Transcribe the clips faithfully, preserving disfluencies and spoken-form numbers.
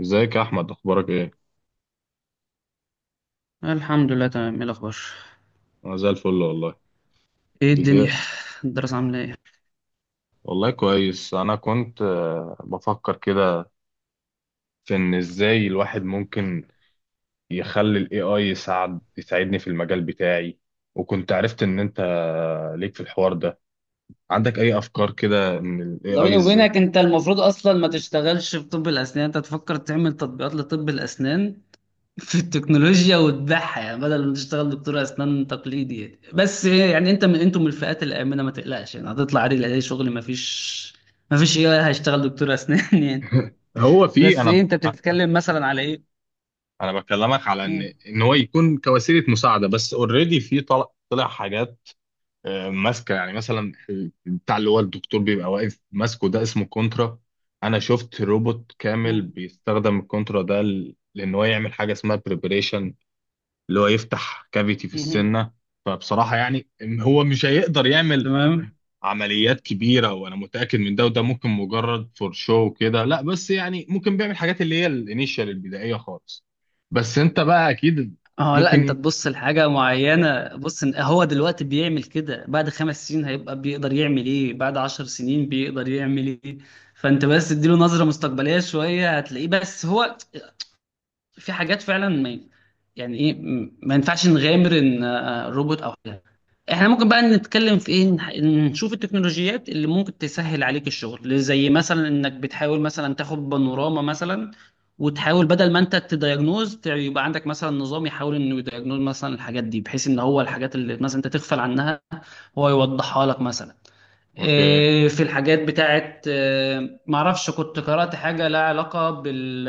ازيك يا احمد، اخبارك ايه؟ الحمد لله، تمام. ايه الاخبار؟ انا زي الفل والله. ايه الدنيا؟ بدأ. الدراسه عامله ايه؟ والله كويس. انا كنت آه، بفكر كده في ان ازاي الواحد ممكن يخلي الاي اي يساعد يساعدني في المجال بتاعي. وكنت عرفت ان انت آه، ليك في الحوار ده. عندك اي افكار كده ان الاي لا، اي بيني ازاي؟ وبينك، انت المفروض اصلا ما تشتغلش في طب الاسنان، انت تفكر تعمل تطبيقات لطب الاسنان في التكنولوجيا وتبيعها، يعني بدل ما تشتغل دكتور اسنان تقليدي يعني. بس يعني انت من انتم من الفئات الامنه، ما تقلقش يعني، هتطلع عادي اي شغل، ما فيش ما فيش ايه هشتغل دكتور اسنان يعني. هو في. بس ايه، انا انت بتتكلم مثلا على ايه؟ انا بكلمك على مم. ان ان هو يكون كوسيله مساعده بس. اوريدي في طلع طلع حاجات. آه، ماسكه يعني مثلا. بتاع اللي هو الدكتور بيبقى واقف ماسكه ده اسمه كونترا. انا شفت روبوت كامل مم. بيستخدم الكونترا ده ل- لان هو يعمل حاجه اسمها بريبريشن اللي هو يفتح كافيتي في مم. السنه. فبصراحه يعني إن هو مش هيقدر يعمل تمام. عمليات كبيره، وانا متاكد من ده. وده ممكن مجرد فور شو كده، لا بس يعني ممكن بيعمل حاجات اللي هي الانيشال البدائيه خالص. بس انت بقى اكيد. اه لا، انت ممكن. تبص لحاجة معينة، بص، إن- هو دلوقتي بيعمل كده، بعد خمس سنين هيبقى بيقدر يعمل ايه، بعد عشر سنين بيقدر يعمل ايه. فانت بس تديله نظرة مستقبلية شوية هتلاقيه. بس هو في حاجات فعلا ما، يعني ايه، م- ما ينفعش نغامر ان آه، آه، روبوت او حاجه. احنا ممكن بقى نتكلم في ايه، نح- نشوف التكنولوجيات اللي ممكن تسهل عليك الشغل، زي مثلا انك بتحاول مثلا تاخد بانوراما مثلا، وتحاول بدل ما انت تدياجنوز، ت- يبقى عندك مثلا نظام يحاول انه يدياجنوز مثلا الحاجات دي، بحيث ان هو الحاجات اللي مثلا انت تغفل عنها هو يوضحها لك مثلا. اوكي إيه، في الحاجات بتاعت إيه، معرفش، كنت قرأت حاجة لها علاقة بال،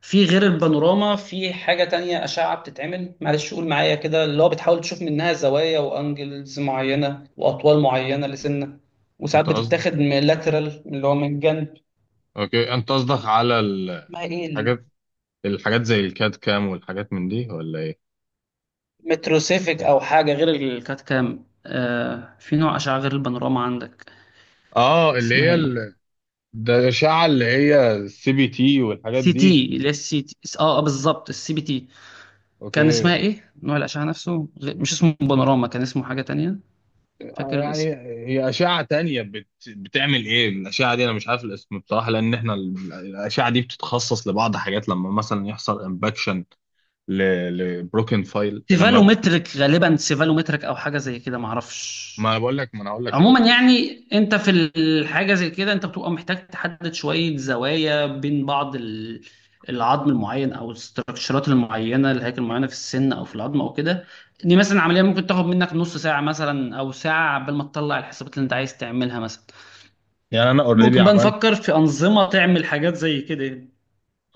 في غير البانوراما في حاجة تانية أشعة بتتعمل، معلش قول معايا كده، اللي هو بتحاول تشوف منها زوايا وأنجلز معينة وأطوال معينة لسنة، وساعات انت قصد بتتاخد من لاترال اللي هو من جنب. اوكي انت قصدك على الحاجات ما إيه؟ الحاجات زي الكاد كام والحاجات من دي ولا ايه؟ المتروسيفيك أو حاجة غير الكات كام. آه في نوع أشعة غير البانوراما عندك، اه. اللي اسمها هي إيه؟ ال- ده الأشعة اللي هي السي بي تي والحاجات سي دي. تي، اللي هي السي تي، اه، آه، بالظبط، السي بي تي. كان اوكي. اسمها ايه؟ نوع الأشعة نفسه، غ- مش اسمه بانوراما، كان اسمه حاجة تانية. فاكر يعني الاسم؟ هي أشعة تانية بت... بتعمل ايه الأشعة دي، انا مش عارف الاسم بصراحة. لان احنا ال- الأشعة دي بتتخصص لبعض حاجات لما مثلا يحصل امباكشن. ل... لبروكن فايل لما. سيفالومتريك غالبا، سيفالومتريك او حاجه زي كده معرفش. ما انا بقول لك ما انا هقول لك أهو. عموما يعني انت في الحاجه زي كده انت بتبقى محتاج تحدد شويه زوايا بين بعض ال- العظم المعين او الاستراكشرات المعينه، الهيكل المعينه في السن او في العظم او كده. دي مثلا عمليه ممكن تاخد منك نص ساعه مثلا او ساعه، عبال ما تطلع الحسابات اللي انت عايز تعملها مثلا. يعني انا اوريدي ممكن بقى عملت. نفكر في انظمه تعمل حاجات زي كده يعني.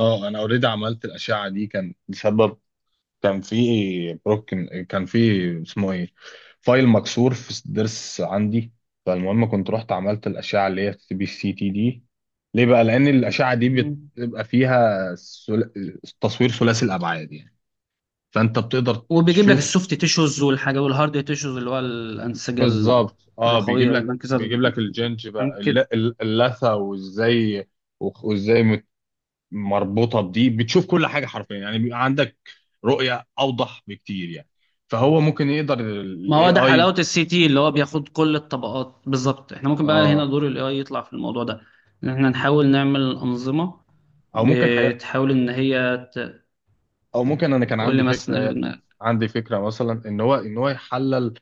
اه انا اوريدي عملت الأشعة دي كان بسبب. كان في بروك. كان في. اسمه ايه. فايل مكسور في الضرس عندي. فالمهم كنت رحت عملت الاشعه اللي هي السي بي سي تي دي. ليه بقى؟ لان الاشعه دي مم. بتبقى فيها سل... تصوير ثلاثي الابعاد يعني. فانت بتقدر وبيجيب لك تشوف. السوفت تيشوز والحاجه، والهارد تيشوز اللي هو الانسجه بالظبط، اه. بيجيب الرخويه لك والانكسار بيجيب لك الجنج بقى، الل- يمكن. الل- اللثه وازاي وازاي مربوطه بدي، بتشوف كل حاجه حرفيا يعني. بيبقى عندك رؤيه اوضح بكتير يعني. فهو ممكن يقدر ما الاي هو ده اي. حلاوة السي تي، اللي هو بياخد كل الطبقات بالظبط. احنا ممكن بقى هنا اه. دور الاي اي يطلع في الموضوع ده، ان احنا نحاول نعمل أنظمة او ممكن حاجه. بتحاول ان هي ت- او ممكن انا كان تقول لي عندي مثلا اللي في فكره دماغك. عندي فكره مثلا ان هو ان هو يحلل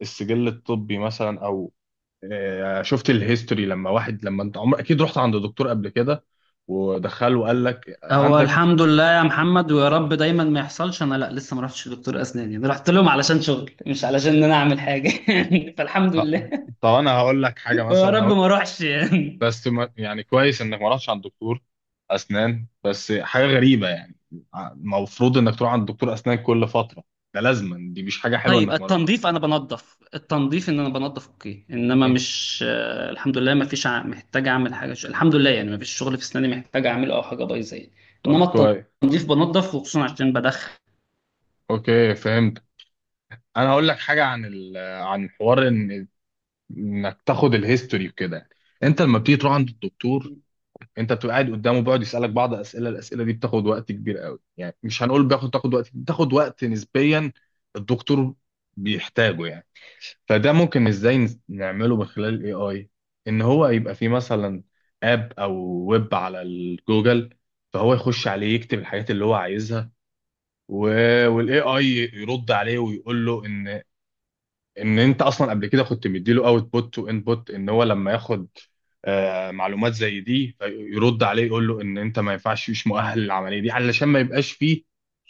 السجل الطبي مثلا، او آه، شفت الهيستوري. لما واحد، لما انت عمر اكيد رحت عند دكتور قبل كده ودخله وقال لك هو عندك الحمد لله يا محمد، ويا رب دايما ما يحصلش، انا لا لسه ما رحتش لدكتور اسنان يعني، رحت لهم علشان شغل مش علشان ان انا اعمل حاجة فالحمد آه، لله. طب انا هقول لك حاجه مثلا ويا رب لو. ما اروحش يعني. بس ما يعني كويس انك ما رحتش عند دكتور اسنان، بس حاجه غريبه يعني. المفروض انك تروح عند دكتور اسنان كل فتره. ده لازما، دي مش حاجه حلوه طيب، انك ما رحت. التنظيف انا بنظف، التنظيف ان انا بنظف اوكي، انما مش آه، الحمد لله ما فيش ع- محتاج اعمل حاجه، ش- الحمد لله يعني ما فيش شغل في اسناني محتاج اعمله او حاجه بايظه يعني. طب انما كويس. التنظيف بنظف، وخصوصا عشان بدخن. اوكي فهمت. انا هقول لك حاجه عن ال... عن حوار ان انك تاخد الهيستوري وكده. انت لما بتيجي تروح عند الدكتور، انت بتبقى قاعد قدامه، بيقعد يسالك بعض اسئله. الاسئله دي بتاخد وقت كبير قوي يعني. مش هنقول بياخد، تاخد وقت بتاخد وقت نسبيا الدكتور بيحتاجه يعني. فده ممكن ازاي نس- نعمله من خلال الاي اي. ان هو يبقى فيه مثلا اب او ويب على الجوجل. فهو يخش عليه يكتب الحاجات اللي هو عايزها، والاي اي يرد عليه ويقول له ان ان انت اصلا قبل كده كنت مديله اوتبوت وانبوت، ان هو لما ياخد آه، معلومات زي دي يرد عليه يقول له ان انت ما ينفعش، مش مؤهل للعمليه دي، علشان ما يبقاش فيه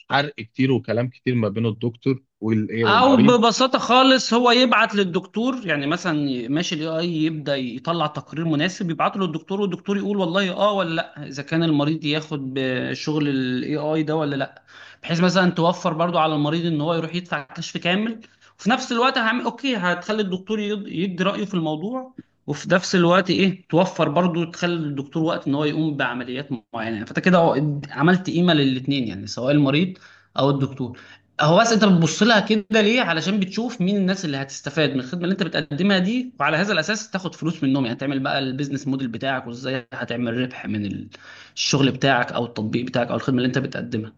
حرق كتير وكلام كتير ما بين الدكتور والايه او والمريض. ببساطه خالص هو يبعت للدكتور، يعني مثلا ماشي الاي اي يبدا يطلع تقرير مناسب يبعته للدكتور، والدكتور يقول والله اه ولا لا اذا كان المريض ياخد بشغل الاي اي ده ولا لا. بحيث مثلا توفر برضو على المريض ان هو يروح يدفع كشف كامل، وفي نفس الوقت هعمل اوكي هتخلي الدكتور يد- يدي رايه في الموضوع، وفي نفس الوقت ايه، توفر برضو تخلي الدكتور وقت ان هو يقوم بعمليات معينه. فانت كده عملت قيمه للاثنين يعني، سواء المريض او الدكتور. هو بس انت بتبص لها كده ليه؟ علشان بتشوف مين الناس اللي هتستفاد من الخدمه اللي انت بتقدمها دي، وعلى هذا الاساس تاخد فلوس منهم يعني، تعمل بقى البيزنس موديل بتاعك، وازاي هتعمل ربح من الشغل بتاعك او التطبيق بتاعك او الخدمه اللي انت بتقدمها.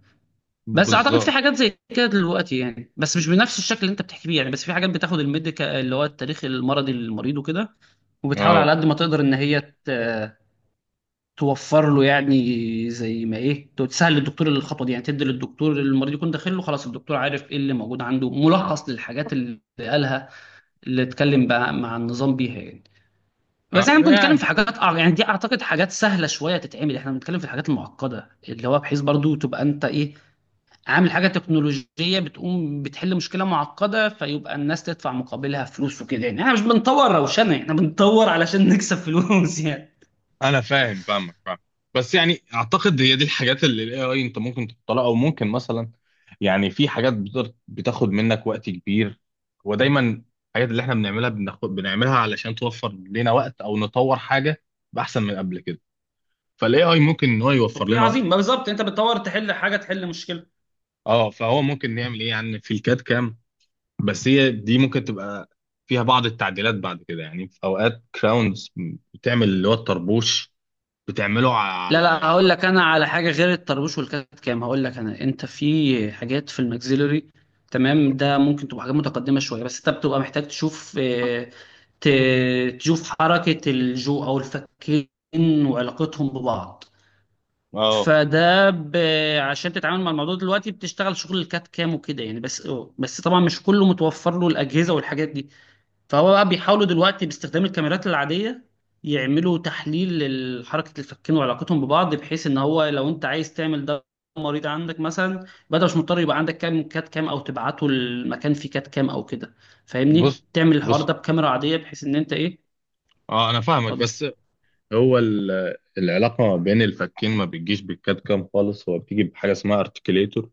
بس اعتقد في بالظبط، حاجات زي كده دلوقتي يعني، بس مش بنفس الشكل اللي انت بتحكي بيه يعني. بس في حاجات بتاخد الميديكال اللي هو التاريخ المرضي للمريض وكده، وبتحاول اه. على قد ما تقدر ان هي ت- توفر له يعني، زي ما ايه، تو- تسهل للدكتور الخطوه دي، يعني تدي للدكتور اللي المريض يكون داخل له خلاص الدكتور عارف ايه اللي موجود عنده، ملخص للحاجات اللي قالها، اللي اتكلم بقى مع النظام بيها يعني. آه، بس احنا ممكن نتكلم يعني في حاجات أع- يعني، دي اعتقد حاجات سهله شويه تتعمل، احنا بنتكلم في الحاجات المعقده اللي هو بحيث برضو تبقى انت ايه، عامل حاجه تكنولوجيه بتقوم بتحل مشكله معقده، فيبقى الناس تدفع مقابلها فلوس وكده يعني. احنا مش بنطور روشنه، احنا بنطور علشان نكسب فلوس يعني. انا فاهم، فاهمك فاهم. بس يعني اعتقد هي دي الحاجات اللي الاي اي انت ممكن تحطها، او ممكن مثلا، يعني في حاجات بتقدر بتاخد منك وقت كبير. ودايما الحاجات اللي احنا بنعملها، بناخد بنعملها علشان توفر لنا وقت او نطور حاجه باحسن من قبل كده. فالاي اي ممكن ان هو يوفر اوكي لنا وقت في عظيم، ما حاجه. بالظبط انت بتدور تحل حاجه، تحل مشكله. اه فهو ممكن يعمل ايه يعني في الكاد كام. بس هي دي ممكن تبقى فيها بعض التعديلات بعد كده يعني. في اوقات كراونز بتعمل اللي هو الطربوش، بتعمله لا لا، على. هقول لك انا على حاجه غير الطربوش والكات كام، هقول لك انا، انت في حاجات في الماكسيلري، تمام، ده ممكن تبقى حاجات متقدمه شويه، بس انت بتبقى محتاج تشوف آه، ت- تشوف حركه الجو او الفكين وعلاقتهم ببعض. اه فده ب... عشان تتعامل مع الموضوع دلوقتي بتشتغل شغل الكات كام وكده يعني. بس بس طبعا مش كله متوفر له الاجهزه والحاجات دي، فهو بقى بيحاولوا دلوقتي باستخدام الكاميرات العادية يعملوا تحليل لحركة الفكين وعلاقتهم ببعض، بحيث ان هو لو انت عايز تعمل ده، مريض عندك مثلا، بدل مش مضطر يبقى عندك كام كات كام، او تبعته المكان فيه كات كام او كده، فاهمني، بص تعمل الحوار بص، ده بكاميرا عادية، بحيث ان انت ايه. اه انا فاهمك. اتفضل. بس هو ال- العلاقه ما بين الفكين ما بتجيش بالكاد كام خالص، هو بتيجي بحاجه اسمها ارتكيليتور،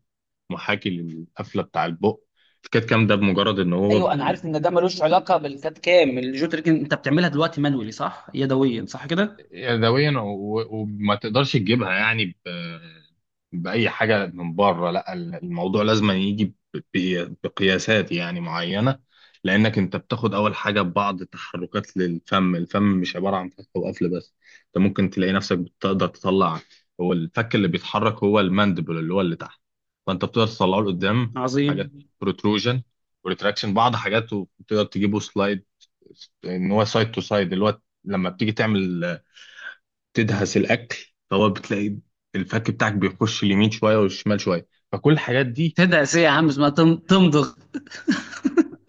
محاكي للقفله بتاع البق. الكاد كام ده بمجرد ان هو ايوه انا عارف ان ده ملوش علاقه بالكات كام، الجو تريك انت بتعملها دلوقتي مانولي صح، يدويا صح كده. يدويا، و- وما تقدرش تجيبها يعني ب... بأي حاجة من بره. لا الموضوع لازم يجي ب... ب- بقياسات يعني معينة، لأنك أنت بتاخد أول حاجة ببعض تحركات للفم. الفم مش عبارة عن فتح وقفل بس، أنت ممكن تلاقي نفسك بتقدر تطلع. هو الفك اللي بيتحرك هو الماندبل اللي هو اللي تحت، فأنت بتقدر تطلعه لقدام. حاجات عظيم. بروتروجن وريتراكشن، بعض حاجات، وتقدر تجيبه سلايد ان هو سايد تو سايد اللي هو لما بتيجي تعمل تدهس الاكل، فهو بتلاقي الفك بتاعك بيخش اليمين شويه والشمال شويه، فكل الحاجات دي. تدعس ايه يا عم، اسمها تم- تمضغ.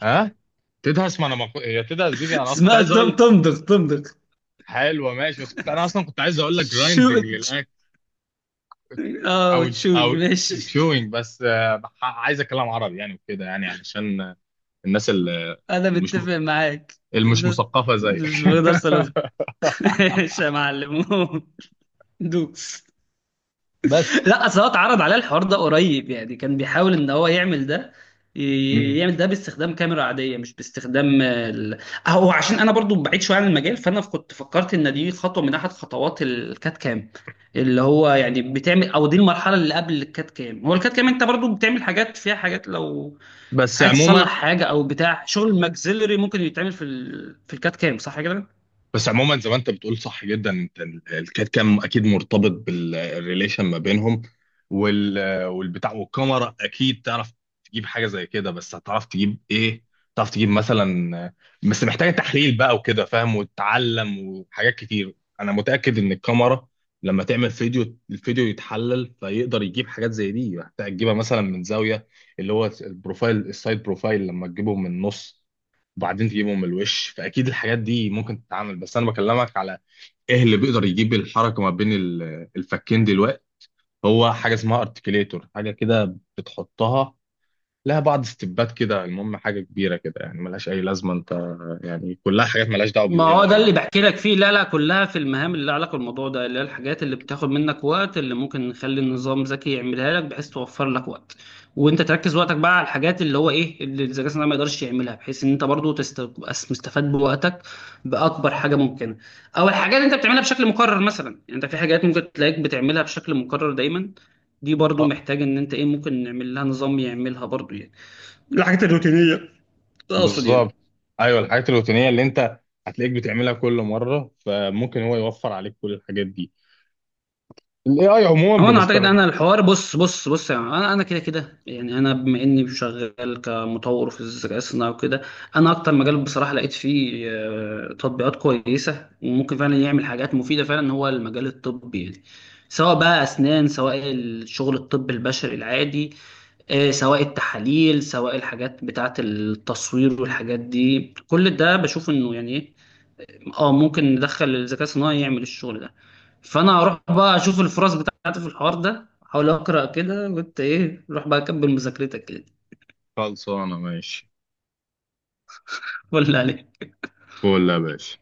ها، تدهس. ما انا ما كو- هي تدهس دي انا كنت اسمها عايز تم- اقول. تمضغ، تمضغ. حلوه ماشي، بس كنت انا اصلا كنت عايز اقول لك شو؟ جرايندنج للاكل، اه او ج- وتشونج، او ماشي. تشوينج. بس آه، بح- عايز اتكلم عربي يعني وكده يعني علشان آه، الناس ال- انا المش متفق معاك. المش الناس. مثقفه زيك مش بقدر صلاح. ماشي يا معلم. دوس. بس. لا اصل هو اتعرض عليه الحوار ده قريب، يعني كان بيحاول ان هو يعمل ده، ي- مم. يعمل ده باستخدام كاميرا عاديه، مش باستخدام ال... هو عشان انا برضو بعيد شويه عن المجال، فانا كنت فكرت ان دي خطوه من احد خطوات الكات كام، اللي هو يعني بتعمل، او دي المرحله اللي قبل الكات كام. هو الكات كام انت برضو بتعمل حاجات فيها، حاجات لو بس عايز تصلح عموما، حاجه او بتاع شغل ماكسيلري ممكن يتعمل في ال... في الكات كام صح كده. بس عموما زي ما انت بتقول صح جدا. انت ال- الكاد كام اكيد مرتبط بالريليشن ما بينهم، وال والبتاع. والكاميرا اكيد تعرف تجيب حاجه زي كده، بس هتعرف تجيب ايه؟ تعرف تجيب مثلا، بس محتاجه تحليل بقى وكده فاهم وتتعلم، وحاجات كتير. انا متاكد ان الكاميرا لما تعمل فيديو، الفيديو يتحلل فيقدر يجيب حاجات زي دي. محتاج تجيبها مثلا من زاويه، اللي هو البروفايل السايد بروفايل، لما تجيبه من النص وبعدين تجيبهم من الوش. فاكيد الحاجات دي ممكن تتعمل. بس انا بكلمك على ايه اللي بيقدر يجيب الحركه ما بين ال- الفكين دلوقتي. هو حاجه اسمها ارتكيليتور، حاجه كده بتحطها، لها بعض ستيبات كده. المهم حاجه كبيره كده يعني، ملهاش اي لازمه انت، يعني كلها حاجات ملهاش دعوه ما بالاي هو ده اي اللي يعني. بحكي لك فيه، لا لا، كلها في المهام اللي لها علاقه بالموضوع ده، اللي هي الحاجات اللي بتاخد منك وقت، اللي ممكن نخلي النظام ذكي يعملها لك بحيث توفر لك وقت، وانت تركز وقتك بقى على الحاجات اللي هو ايه، اللي الذكاء الصناعي ما يقدرش يعملها، بحيث ان انت برضو تست- تبقى مستفاد بوقتك باكبر حاجه ممكنه. او الحاجات اللي انت بتعملها بشكل مكرر مثلا، يعني انت في حاجات ممكن تلاقيك بتعملها بشكل مكرر دايما، دي برضو اه محتاج ان انت ايه، ممكن نعمل لها نظام يعملها برضو يعني، الحاجات الروتينيه اقصد يعني. بالظبط. ايوه الحاجات الروتينيه اللي انت هتلاقيك بتعملها كل مره، فممكن هو يوفر عليك كل الحاجات دي. الاي اي عموما هو انا اعتقد بنستخدم. انا الحوار، بص بص بص، يعني انا انا كده كده يعني، انا بما اني شغال كمطور في الذكاء الصناعي وكده، انا اكتر مجال بصراحه لقيت فيه آه، تطبيقات كويسه وممكن فعلا يعمل حاجات مفيده فعلا هو المجال الطبي يعني، سواء بقى اسنان، سواء الشغل الطب البشري العادي، آه، سواء التحاليل، سواء الحاجات بتاعه التصوير والحاجات دي، كل ده بشوف انه يعني إيه، اه ممكن ندخل الذكاء الصناعي يعمل الشغل ده. فانا هروح بقى اشوف الفرص بتاعتي في الحوار ده، احاول اقرا كده، وانت ايه روح بقى كمل مذاكرتك كده. خلصانه ماشي. ولا عليك. فول يا باشا.